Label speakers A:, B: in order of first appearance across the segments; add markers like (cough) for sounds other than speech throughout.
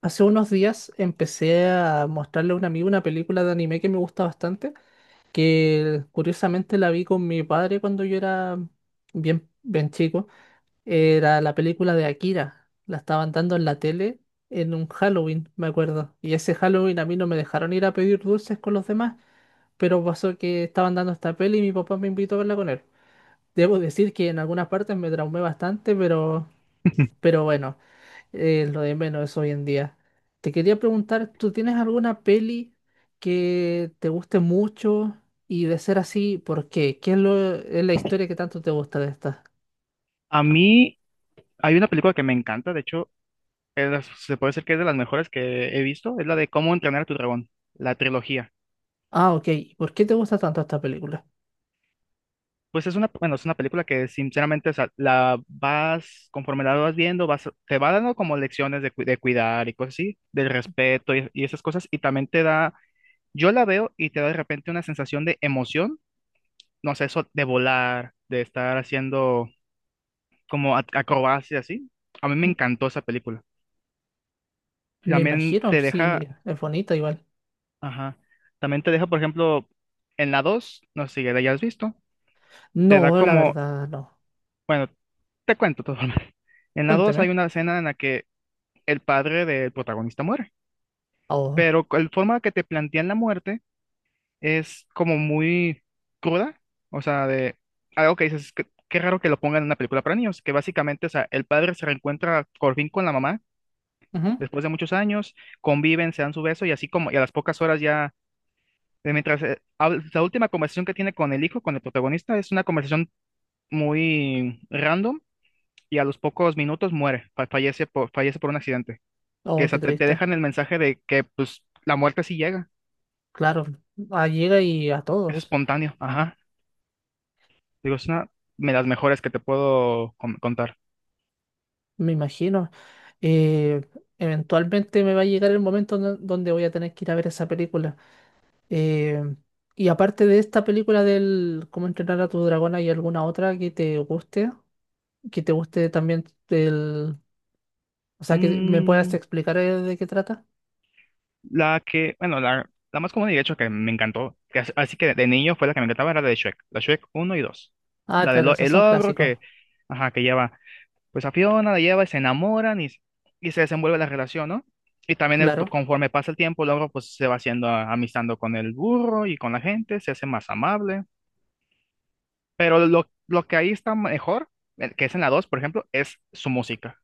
A: Hace unos días empecé a mostrarle a un amigo una película de anime que me gusta bastante, que curiosamente la vi con mi padre cuando yo era bien chico. Era la película de Akira. La estaban dando en la tele en un Halloween, me acuerdo. Y ese Halloween a mí no me dejaron ir a pedir dulces con los demás, pero pasó que estaban dando esta peli y mi papá me invitó a verla con él. Debo decir que en algunas partes me traumé bastante, pero bueno, lo de menos es hoy en día. Te quería preguntar, ¿tú tienes alguna peli que te guste mucho? Y de ser así, ¿por qué? ¿Es la historia que tanto te gusta de esta?
B: A mí hay una película que me encanta, de hecho, es de se puede decir que es de las mejores que he visto, es la de Cómo entrenar a tu dragón, la trilogía.
A: Ah, ok. ¿Por qué te gusta tanto esta película?
B: Pues es una, bueno, es una película que sinceramente, o sea, conforme la vas viendo, vas, te va dando como lecciones de, de cuidar y cosas así, del respeto y esas cosas, y también te da, yo la veo y te da de repente una sensación de emoción, no sé, eso de volar, de estar haciendo como acrobacias así. A mí me
A: M.
B: encantó esa película.
A: Me
B: También
A: imagino,
B: te deja.
A: sí, es bonita igual.
B: Ajá. También te deja, por ejemplo, en la 2 no sé si ya la hayas visto, te da
A: No, la
B: como,
A: verdad, no.
B: bueno, te cuento todo. (laughs) En la 2 hay
A: Cuénteme.
B: una escena en la que el padre del protagonista muere,
A: Oh,
B: pero la forma que te plantean la muerte es como muy cruda, o sea, de algo que dices, que, qué raro que lo pongan en una película para niños, que básicamente, o sea, el padre se reencuentra por fin con la mamá
A: ujú.
B: después de muchos años, conviven, se dan su beso y así como, y a las pocas horas ya. Mientras la última conversación que tiene con el hijo, con el protagonista, es una conversación muy random y a los pocos minutos muere, fallece fallece por un accidente.
A: Oh,
B: Que se
A: qué
B: te
A: triste.
B: dejan el mensaje de que pues la muerte sí llega,
A: Claro, ah, llega y a
B: es
A: todos,
B: espontáneo. Ajá. Digo, es una de las mejores que te puedo contar.
A: me imagino. Eh, Eventualmente me va a llegar el momento donde voy a tener que ir a ver esa película. Eh, y aparte de esta película del Cómo entrenar a tu dragón, ¿hay alguna otra que te guste? Que te guste también del... O sea, que me puedas
B: Mm,
A: explicar de qué trata.
B: la que, bueno, la más común y de hecho que me encantó, que así que de niño fue la que me encantaba, era la de Shrek, la Shrek uno y dos.
A: Ah,
B: La de
A: claro, esas
B: El
A: son
B: ogro
A: clásicos.
B: que, ajá, que lleva pues a Fiona, la lleva y se enamoran y se desenvuelve la relación, ¿no? Y también
A: Claro.
B: conforme pasa el tiempo, Logro pues se va haciendo amistando con el burro y con la gente, se hace más amable. Pero lo que ahí está mejor, que es en la 2 por ejemplo, es su música.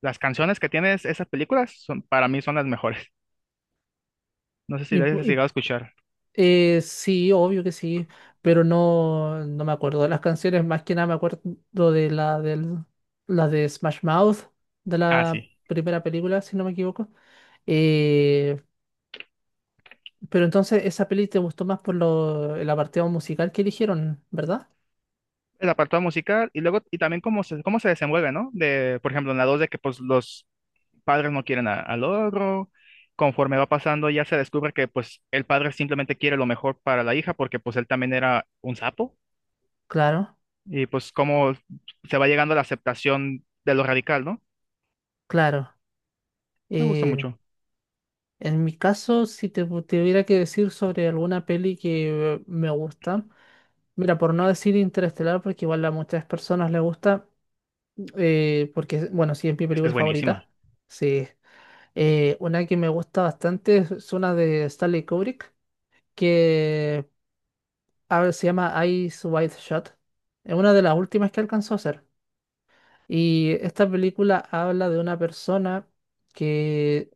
B: Las canciones que tiene esas películas son, para mí son las mejores. (laughs) No sé si
A: Y,
B: las
A: pu-
B: has
A: y,
B: llegado a escuchar.
A: sí, obvio que sí, pero no, no me acuerdo de las canciones. Más que nada me acuerdo de la de Smash Mouth, de
B: Ah,
A: la
B: sí.
A: primera película, si no me equivoco. Eh, Pero entonces esa peli te gustó más por lo, el apartado musical que eligieron, ¿verdad?
B: El apartado musical y luego, y también cómo se desenvuelve, ¿no? De, por ejemplo, en la 2 de que pues los padres no quieren al otro. Conforme va pasando, ya se descubre que pues el padre simplemente quiere lo mejor para la hija porque pues él también era un sapo.
A: Claro,
B: Y pues cómo se va llegando a la aceptación de lo radical, ¿no?
A: claro.
B: Me gusta
A: Eh,
B: mucho.
A: en mi caso, si te hubiera que decir sobre alguna peli que me gusta, mira, por no decir Interestelar, porque igual a muchas personas les gusta, porque, bueno, sí, es mi
B: Es que
A: película
B: es buenísima.
A: favorita. Sí. Una que me gusta bastante es una de Stanley Kubrick, que a ver, se llama Eyes Wide Shut. Es una de las últimas que alcanzó a hacer. Y esta película habla de una persona que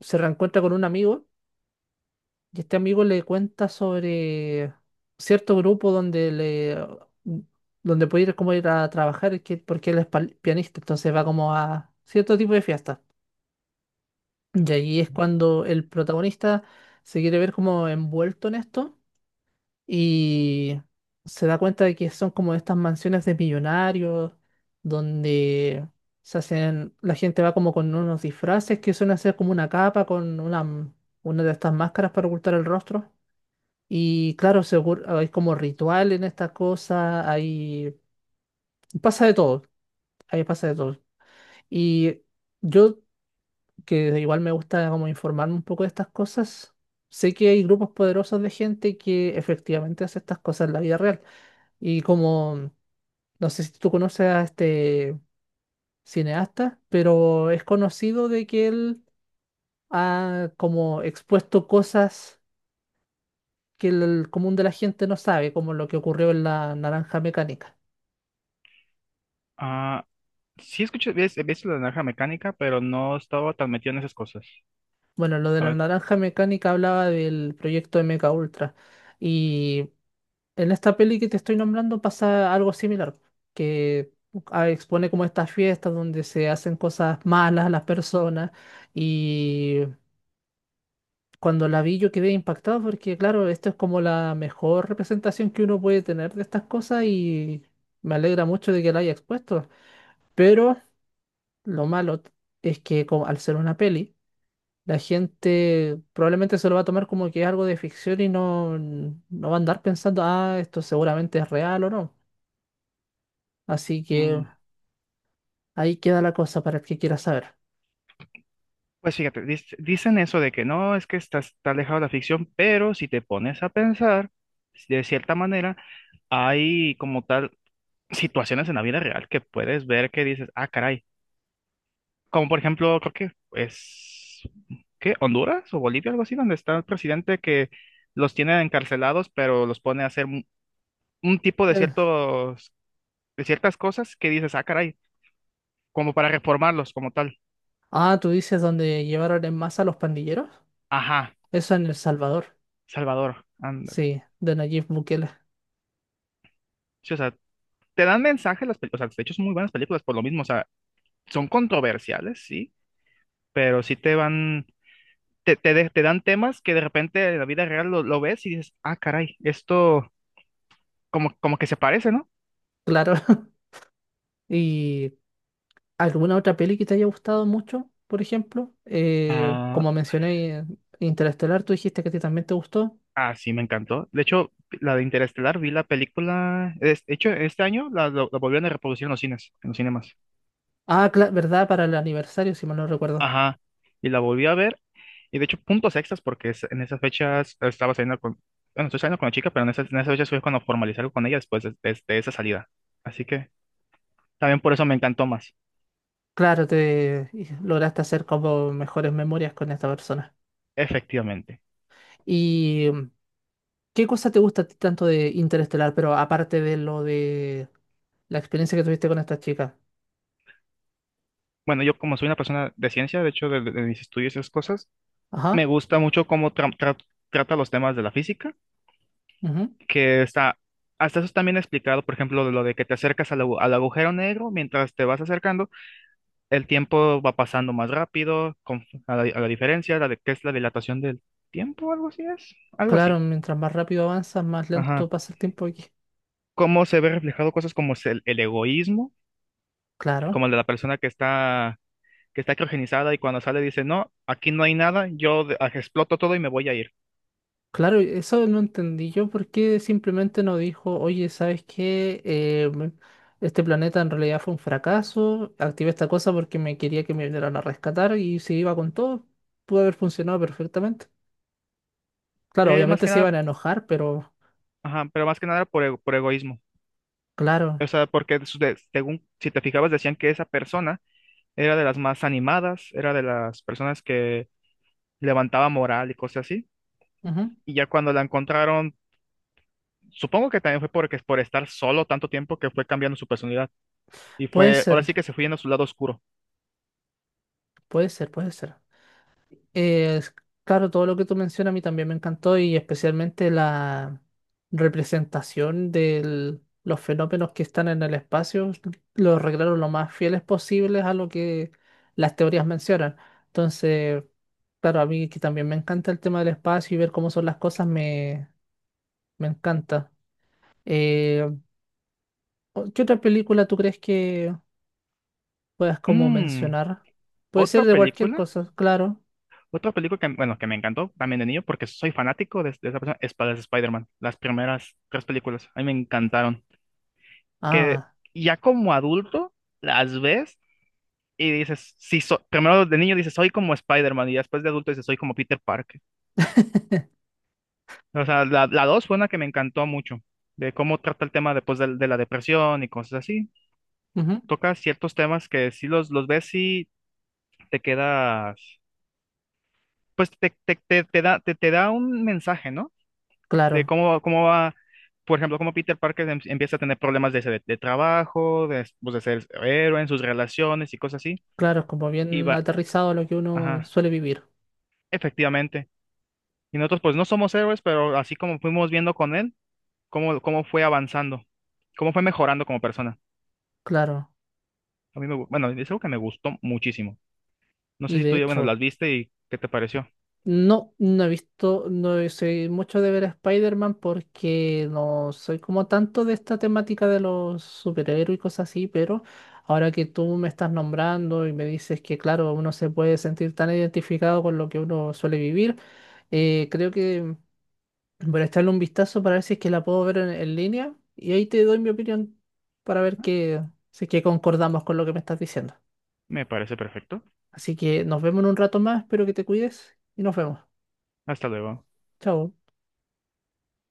A: se reencuentra con un amigo y este amigo le cuenta sobre cierto grupo donde puede ir como ir a trabajar porque él es pianista, entonces va como a cierto tipo de fiesta. Y ahí es cuando el protagonista se quiere ver como envuelto en esto y se da cuenta de que son como estas mansiones de millonarios donde se hacen, la gente va como con unos disfraces que suelen hacer como una capa con una de estas máscaras para ocultar el rostro. Y claro, seguro, hay como ritual en esta cosa, hay, pasa de todo, ahí pasa de todo. Y yo, que igual me gusta como informarme un poco de estas cosas, sé que hay grupos poderosos de gente que efectivamente hace estas cosas en la vida real. Y como, no sé si tú conoces a este cineasta, pero es conocido de que él ha como expuesto cosas que el común de la gente no sabe, como lo que ocurrió en la naranja mecánica.
B: Ah, sí escuché, he visto la naranja mecánica, pero no estaba tan metido en esas cosas.
A: Bueno, lo de
B: A
A: la
B: ver.
A: naranja mecánica hablaba del proyecto de Mecha Ultra. Y en esta peli que te estoy nombrando pasa algo similar, que ah, expone como estas fiestas donde se hacen cosas malas a las personas y cuando la vi yo quedé impactado porque, claro, esto es como la mejor representación que uno puede tener de estas cosas y me alegra mucho de que la haya expuesto. Pero lo malo t- es que como, al ser una peli, la gente probablemente se lo va a tomar como que es algo de ficción y no, no va a andar pensando, ah, esto seguramente es real o no. Así que
B: mm,
A: ahí queda la cosa para el que quiera saber.
B: Pues fíjate, dicen eso de que no, es que estás, está alejado de la ficción, pero si te pones a pensar, de cierta manera, hay como tal situaciones en la vida real que puedes ver que dices, ah, caray. Como por ejemplo, creo que es, ¿qué? Honduras o Bolivia, algo así, donde está el presidente que los tiene encarcelados, pero los pone a hacer un tipo de
A: Eh,
B: ciertos, de ciertas cosas que dices, ah, caray, como para reformarlos como tal.
A: ah, tú dices donde llevaron en masa a los pandilleros.
B: Ajá,
A: Eso en El Salvador.
B: Salvador, ándale.
A: Sí, de Nayib Bukele.
B: Sí, o sea, te dan mensajes las películas, o sea, de hecho son muy buenas películas por lo mismo, o sea, son controversiales, sí, pero sí te van te dan temas que de repente en la vida real lo ves y dices, ah, caray, esto como, como que se parece, ¿no?
A: Claro. (laughs) ¿Y alguna otra peli que te haya gustado mucho, por ejemplo? Eh,
B: Ah,
A: como mencioné, eh, Interestelar, tú dijiste que a ti también te gustó.
B: ah, sí, me encantó. De hecho, la de Interestelar, vi la película, de hecho, este año la volvieron a reproducir en los cines, en los cinemas.
A: Ah, ¿verdad? Para el aniversario, si mal no recuerdo.
B: Ajá, y la volví a ver, y de hecho, puntos extras, porque en esas fechas estaba saliendo con, bueno, estoy saliendo con la chica, pero en esas fechas fue cuando formalicé algo con ella después de esa salida. Así que también por eso me encantó más,
A: Claro, te y lograste hacer como mejores memorias con esta persona.
B: efectivamente.
A: ¿Y qué cosa te gusta a ti tanto de Interestelar, pero aparte de lo de la experiencia que tuviste con esta chica?
B: Bueno, yo como soy una persona de ciencia, de hecho, de mis estudios y esas cosas, me
A: Ajá.
B: gusta mucho cómo trata los temas de la física,
A: Ujú.
B: que está, hasta eso también explicado, por ejemplo, de lo de que te acercas al agujero negro, mientras te vas acercando, el tiempo va pasando más rápido, con, a la diferencia, que es la dilatación del tiempo, algo así es, algo
A: Claro,
B: así.
A: mientras más rápido avanzas, más lento
B: Ajá.
A: pasa el tiempo aquí.
B: Cómo se ve reflejado cosas como es el egoísmo,
A: Claro.
B: como el de la persona que está criogenizada y cuando sale dice, no, aquí no hay nada, yo exploto todo y me voy a ir.
A: Claro, eso no entendí yo, ¿por qué simplemente no dijo, oye, ¿sabes qué? Este planeta en realidad fue un fracaso, activé esta cosa porque me quería que me vinieran a rescatar y si iba con todo, pudo haber funcionado perfectamente. Claro,
B: Más
A: obviamente
B: que
A: se
B: nada,
A: iban a enojar, pero
B: ajá, pero más que nada por, por egoísmo.
A: claro,
B: O sea, porque según, si te fijabas, decían que esa persona era de las más animadas, era de las personas que levantaba moral y cosas así.
A: ujú.
B: Y ya cuando la encontraron, supongo que también fue porque por estar solo tanto tiempo que fue cambiando su personalidad. Y
A: Puede
B: fue, ahora
A: ser,
B: sí que se fue yendo a su lado oscuro.
A: puede ser. Eh, es- claro, todo lo que tú mencionas a mí también me encantó y especialmente la representación de los fenómenos que están en el espacio, los arreglaron lo más fieles posibles a lo que las teorías mencionan. Entonces, claro, a mí que también me encanta el tema del espacio y ver cómo son las cosas me encanta. Eh, ¿Qué otra película tú crees que puedas como
B: Mm,
A: mencionar? Puede ser
B: otra
A: de cualquier
B: película,
A: cosa, claro.
B: otra película que, bueno, que me encantó también de niño porque soy fanático de esa persona, es para Spider-Man. Las primeras tres películas, a mí me encantaron. Que
A: Ah,
B: ya como adulto las ves y dices, sí, primero de niño dices, soy como Spider-Man y después de adulto dices, soy como Peter Parker. O sea, la dos fue una que me encantó mucho, de cómo trata el tema después de la depresión y cosas así.
A: ujú,
B: Toca ciertos temas que si los ves y te quedas, pues te da un mensaje, ¿no? De
A: claro.
B: cómo, cómo va. Por ejemplo, cómo Peter Parker empieza a tener problemas de, de trabajo, de, pues, de ser héroe en sus relaciones y cosas así.
A: Claro, es como
B: Y
A: bien
B: va,
A: aterrizado a lo que uno
B: ajá.
A: suele vivir.
B: Efectivamente. Y nosotros pues no somos héroes, pero así como fuimos viendo con él, cómo, cómo fue avanzando, cómo fue mejorando como persona.
A: Claro.
B: A mí me, bueno, es algo que me gustó muchísimo. No
A: Y
B: sé si
A: de
B: tú ya, bueno,
A: hecho,
B: las viste y qué te pareció.
A: no, no he visto, no sé mucho de ver a Spider-Man porque no soy como tanto de esta temática de los superhéroes y cosas así, pero ahora que tú me estás nombrando y me dices que, claro, uno se puede sentir tan identificado con lo que uno suele vivir, creo que voy a echarle un vistazo para ver si es que la puedo ver en línea y ahí te doy mi opinión para ver que, si es que concordamos con lo que me estás diciendo.
B: Me parece perfecto.
A: Así que nos vemos en un rato más, espero que te cuides y nos vemos.
B: Hasta luego.
A: Chao.